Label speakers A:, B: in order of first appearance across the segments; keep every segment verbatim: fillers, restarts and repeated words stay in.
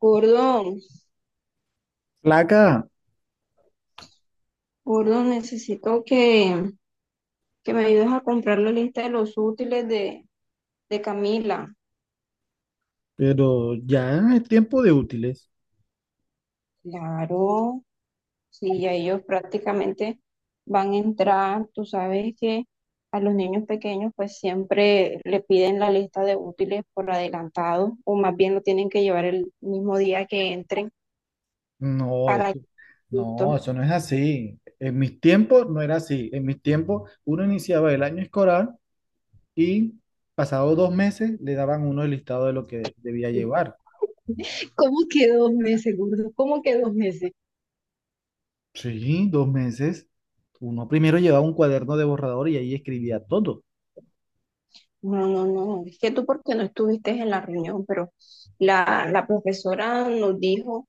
A: Gordo,
B: Placa,
A: gordo, necesito que, que me ayudes a comprar la lista de los útiles de, de Camila.
B: pero ya es tiempo de útiles.
A: Claro, sí, ya ellos prácticamente van a entrar. Tú sabes que a los niños pequeños pues siempre le piden la lista de útiles por adelantado o más bien lo tienen que llevar el mismo día que entren
B: No,
A: para
B: eso,
A: que
B: no,
A: justo.
B: eso no es así. En mis tiempos no era así. En mis tiempos uno iniciaba el año escolar y pasado dos meses le daban uno el listado de lo que debía llevar.
A: ¿Cómo que dos meses, gordo? ¿Cómo que dos meses?
B: Sí, dos meses. Uno primero llevaba un cuaderno de borrador y ahí escribía todo.
A: No, no, no, es que tú porque no estuviste en la reunión, pero la, la profesora nos dijo,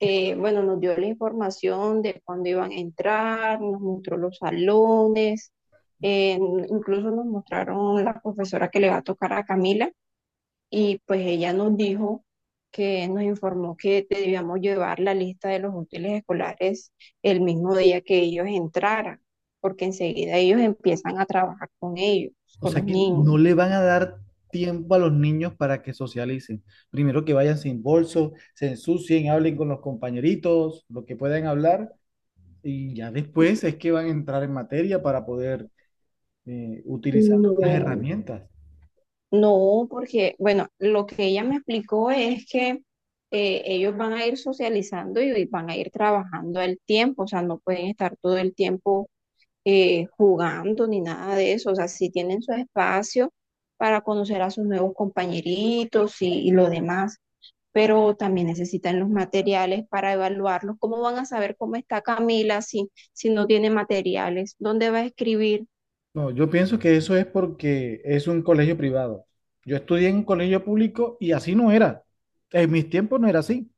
A: eh, bueno, nos dio la información de cuándo iban a entrar, nos mostró los salones, eh, incluso nos mostraron la profesora que le va a tocar a Camila y pues ella nos dijo que nos informó que debíamos llevar la lista de los útiles escolares el mismo día que ellos entraran, porque enseguida ellos empiezan a trabajar con ellos,
B: O
A: con
B: sea
A: los
B: que
A: niños.
B: no le van a dar tiempo a los niños para que socialicen. Primero que vayan sin bolso, se ensucien, hablen con los compañeritos, lo que puedan hablar. Y ya después es que van a entrar en materia para poder eh, utilizar las
A: No,
B: herramientas.
A: no, porque, bueno, lo que ella me explicó es que eh, ellos van a ir socializando y, y van a ir trabajando al tiempo, o sea, no pueden estar todo el tiempo eh, jugando ni nada de eso, o sea, sí tienen su espacio para conocer a sus nuevos compañeritos y, y lo demás, pero también necesitan los materiales para evaluarlos. ¿Cómo van a saber cómo está Camila si, si no tiene materiales? ¿Dónde va a escribir?
B: No, yo pienso que eso es porque es un colegio privado. Yo estudié en un colegio público y así no era. En mis tiempos no era así.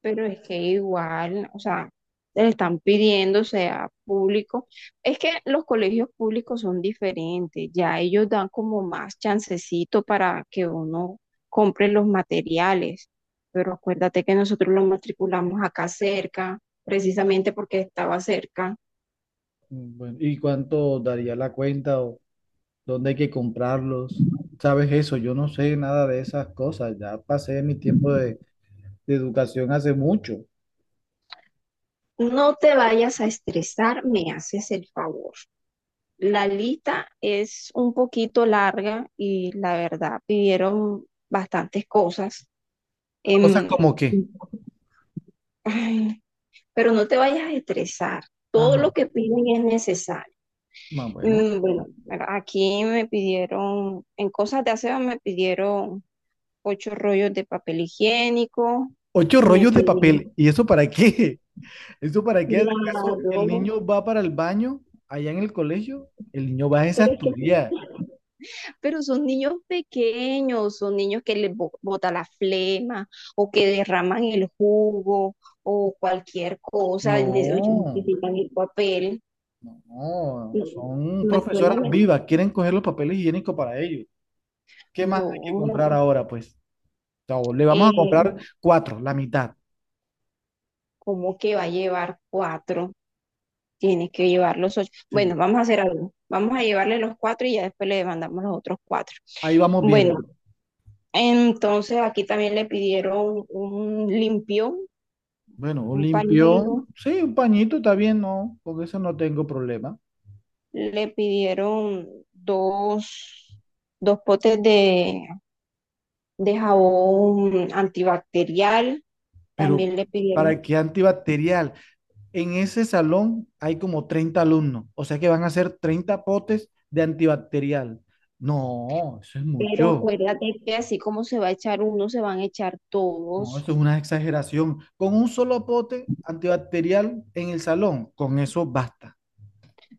A: Pero es que igual, o sea, le están pidiendo sea público. Es que los colegios públicos son diferentes, ya ellos dan como más chancecito para que uno compre los materiales. Pero acuérdate que nosotros los matriculamos acá cerca, precisamente porque estaba cerca.
B: Mm, bueno, ¿y cuánto daría la cuenta o dónde hay que comprarlos? ¿Sabes eso? Yo no sé nada de esas cosas. Ya pasé mi tiempo de, de educación hace mucho.
A: No te vayas a estresar, me haces el favor. La lista es un poquito larga y la verdad pidieron bastantes cosas.
B: Cosas
A: Em,
B: como que,
A: ay, pero no te vayas a estresar. Todo lo
B: ajá,
A: que piden es necesario.
B: más bueno.
A: Mm, bueno, mira, aquí me pidieron, en cosas de aseo me pidieron ocho rollos de papel higiénico,
B: Ocho
A: me
B: rollos de papel.
A: pidieron,
B: ¿Y eso para qué? ¿Eso para qué? ¿Acaso el
A: claro,
B: niño va para el baño allá en el colegio? El niño va es a
A: pero es que sí.
B: estudiar.
A: Pero son niños pequeños, son niños que les bo- bota la flema o que derraman el jugo o cualquier cosa, y ne- oye,
B: No,
A: necesitan el papel.
B: no, no.
A: No,
B: Son
A: no es
B: profesoras
A: solamente.
B: vivas, quieren coger los papeles higiénicos para ellos. ¿Qué más hay que comprar
A: No,
B: ahora, pues? O sea, le vamos a
A: eh,
B: comprar cuatro, la mitad.
A: ¿cómo que va a llevar cuatro? Tienes que llevar los ocho. Bueno,
B: Sí,
A: vamos a hacer algo. Vamos a llevarle los cuatro y ya después le mandamos los otros cuatro.
B: ahí vamos
A: Bueno,
B: viendo.
A: entonces aquí también le pidieron un limpio,
B: Bueno, un
A: un
B: limpio,
A: pañuelo,
B: sí, un pañito está bien, no, con eso no tengo problema.
A: le pidieron dos, dos potes de, de jabón antibacterial,
B: Pero,
A: también le pidieron.
B: ¿para qué antibacterial? En ese salón hay como treinta alumnos, o sea que van a hacer treinta potes de antibacterial. No, eso es
A: Pero
B: mucho.
A: acuérdate que así como se va a echar uno, se van a echar
B: No,
A: todos.
B: eso es una exageración. Con un solo pote antibacterial en el salón, con eso basta.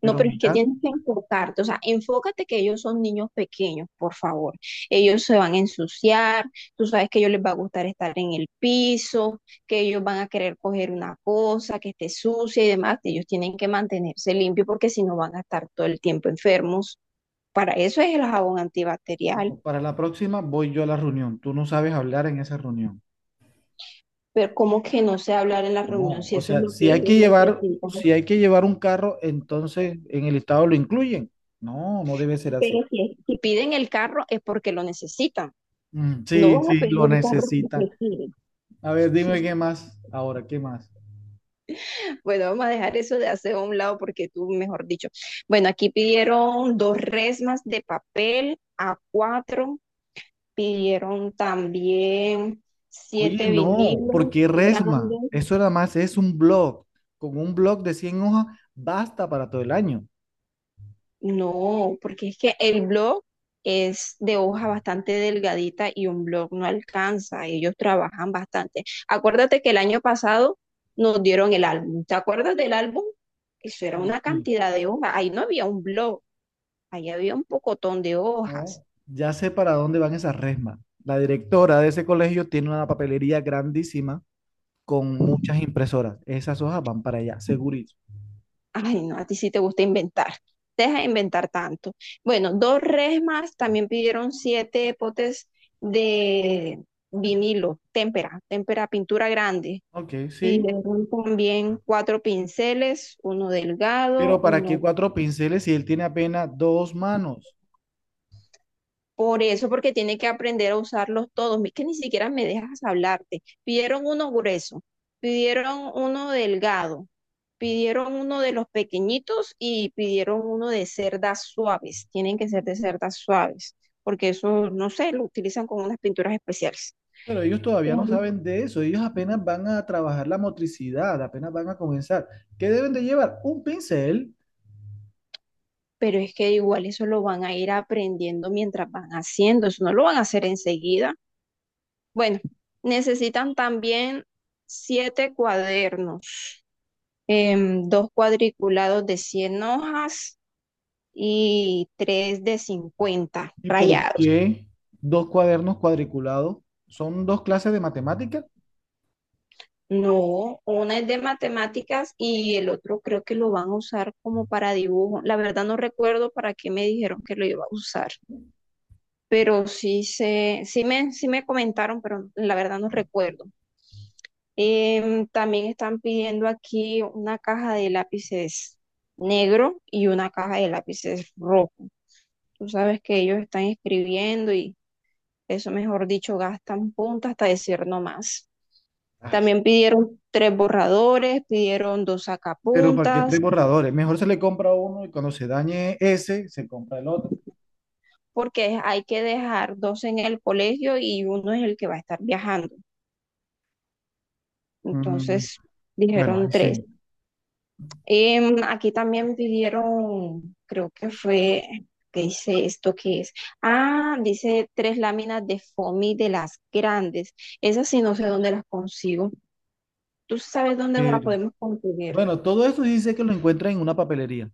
A: No, pero es que
B: mira,
A: tienes que enfocarte, o sea, enfócate que ellos son niños pequeños, por favor. Ellos se van a ensuciar, tú sabes que a ellos les va a gustar estar en el piso, que ellos van a querer coger una cosa que esté sucia y demás. Ellos tienen que mantenerse limpios porque si no van a estar todo el tiempo enfermos. Para eso es el jabón antibacterial.
B: no, para la próxima voy yo a la reunión. Tú no sabes hablar en esa reunión.
A: Pero como que no sé hablar en la reunión
B: No,
A: si
B: o
A: eso es
B: sea,
A: lo que
B: si hay
A: ellos
B: que llevar,
A: necesitan.
B: si hay que llevar un carro, entonces en el estado lo incluyen. No, no debe ser así.
A: Pero si, si piden el carro es porque lo necesitan.
B: Mm,
A: No
B: sí,
A: van a
B: sí,
A: pedir
B: lo
A: un carro
B: necesitan.
A: porque quieren.
B: A ver, dime qué más. Ahora, ¿qué más?
A: Bueno, vamos a dejar eso de hacer a un lado porque tú, mejor dicho. Bueno, aquí pidieron dos resmas de papel a cuatro. Pidieron también
B: Oye,
A: siete
B: no,
A: vinilos
B: porque Resma,
A: grandes.
B: eso nada más es un blog. Con un blog de cien hojas basta para todo el año.
A: No, porque es que el blog es de hoja bastante delgadita y un blog no alcanza. Ellos trabajan bastante. Acuérdate que el año pasado nos dieron el álbum. ¿Te acuerdas del álbum? Eso era una
B: Sí,
A: cantidad de hojas. Ahí no había un blog, ahí había un pocotón de hojas.
B: no. Ya sé para dónde van esas Resmas. La directora de ese colegio tiene una papelería grandísima con muchas impresoras. Esas hojas van para allá, segurito.
A: Ay, no, a ti sí te gusta inventar. Deja de inventar tanto. Bueno, dos res más también pidieron siete potes de vinilo, témpera, témpera, pintura grande.
B: Ok, sí.
A: Pidieron también cuatro pinceles, uno delgado,
B: Pero ¿para qué
A: uno
B: cuatro pinceles si él tiene apenas dos manos?
A: por eso, porque tiene que aprender a usarlos todos. Es que ni siquiera me dejas hablarte. Pidieron uno grueso, pidieron uno delgado, pidieron uno de los pequeñitos y pidieron uno de cerdas suaves. Tienen que ser de cerdas suaves, porque eso, no sé, lo utilizan con unas pinturas especiales.
B: Pero ellos todavía no
A: Ujú.
B: saben de eso, ellos apenas van a trabajar la motricidad, apenas van a comenzar. ¿Qué deben de llevar? Un pincel.
A: Pero es que igual eso lo van a ir aprendiendo mientras van haciendo, eso no lo van a hacer enseguida. Bueno, necesitan también siete cuadernos, em, dos cuadriculados de cien hojas y tres de cincuenta
B: ¿Y por
A: rayados.
B: qué dos cuadernos cuadriculados? ¿Son dos clases de matemáticas?
A: No, una es de matemáticas y el otro creo que lo van a usar como para dibujo. La verdad no recuerdo para qué me dijeron que lo iba a usar, pero sí se, sí me, sí me comentaron, pero la verdad no recuerdo. Em, también están pidiendo aquí una caja de lápices negro y una caja de lápices rojo. Tú sabes que ellos están escribiendo y eso, mejor dicho, gastan punta hasta decir no más.
B: Ay,
A: También pidieron tres borradores, pidieron dos
B: pero ¿para qué
A: sacapuntas,
B: tres borradores? Mejor se le compra uno y cuando se dañe ese, se compra el otro.
A: porque hay que dejar dos en el colegio y uno es el que va a estar viajando.
B: Mm,
A: Entonces
B: bueno,
A: dijeron
B: ahí
A: tres.
B: sí.
A: Em, aquí también pidieron, creo que fue, ¿qué dice esto que es? Ah, dice tres láminas de foamy de las grandes. Esas sí no sé dónde las consigo. Tú sabes dónde las
B: Pero,
A: podemos conseguir,
B: bueno, todo esto dice que lo encuentra en una papelería.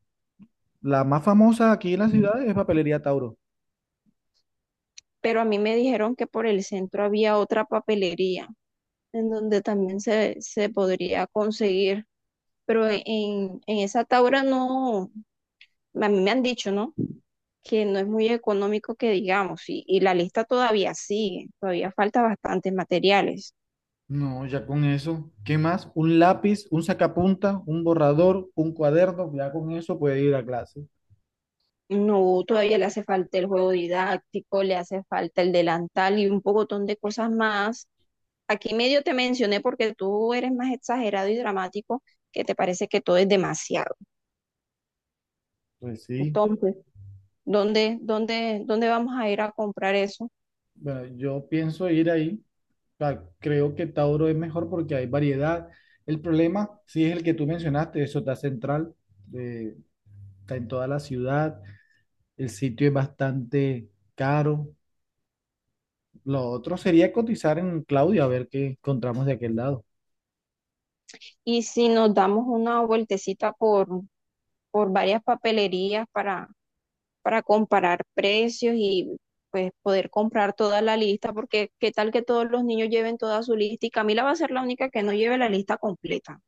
B: La más famosa aquí en la ciudad es Papelería Tauro.
A: pero a mí me dijeron que por el centro había otra papelería en donde también se, se podría conseguir, pero en, en esa Taura no, a mí me han dicho, ¿no? Que no es muy económico que digamos, y, y la lista todavía sigue, todavía falta bastantes materiales.
B: No, ya con eso. ¿Qué más? Un lápiz, un sacapunta, un borrador, un cuaderno. Ya con eso puede ir a clase.
A: No, todavía le hace falta el juego didáctico, le hace falta el delantal y un pocotón de cosas más. Aquí medio te mencioné porque tú eres más exagerado y dramático, que te parece que todo es demasiado.
B: Pues sí.
A: Entonces, ¿dónde, dónde, dónde vamos a ir a comprar eso?
B: Bueno, yo pienso ir ahí. O sea, creo que Tauro es mejor porque hay variedad. El problema, sí, es el que tú mencionaste. Eso está central. eh, Está en toda la ciudad. El sitio es bastante caro. Lo otro sería cotizar en Claudia a ver qué encontramos de aquel lado.
A: Y si nos damos una vueltecita por, por varias papelerías para para comparar precios y pues poder comprar toda la lista, porque qué tal que todos los niños lleven toda su lista y Camila va a ser la única que no lleve la lista completa.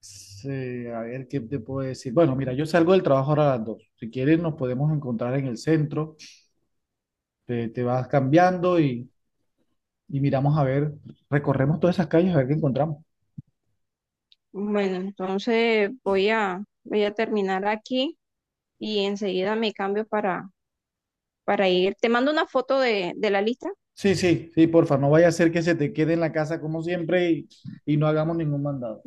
B: Sí, a ver, ¿qué te puedo decir? Bueno, mira, yo salgo del trabajo ahora a las dos. Si quieres, nos podemos encontrar en el centro. Te, te vas cambiando y, y miramos a ver, recorremos todas esas calles a ver qué encontramos.
A: Bueno, entonces voy a, voy a terminar aquí y enseguida me cambio para, para ir. Te mando una foto de, de la lista.
B: Sí, sí, sí, porfa, no vaya a ser que se te quede en la casa como siempre y, y no hagamos ningún mandado.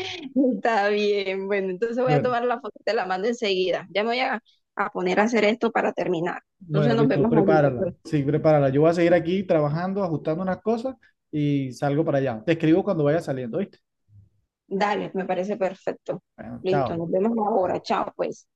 A: Está bien, bueno, entonces voy a
B: Bueno,
A: tomar la foto, te la mando enseguida. Ya me voy a, a poner a hacer esto para terminar. Entonces
B: bueno,
A: nos
B: listo,
A: vemos ahorita,
B: prepárala.
A: pues.
B: Sí, prepárala. Yo voy a seguir aquí trabajando, ajustando unas cosas y salgo para allá. Te escribo cuando vaya saliendo, ¿viste?
A: Dale, me parece perfecto.
B: Bueno,
A: Listo,
B: chao.
A: nos vemos ahora. Chao, pues.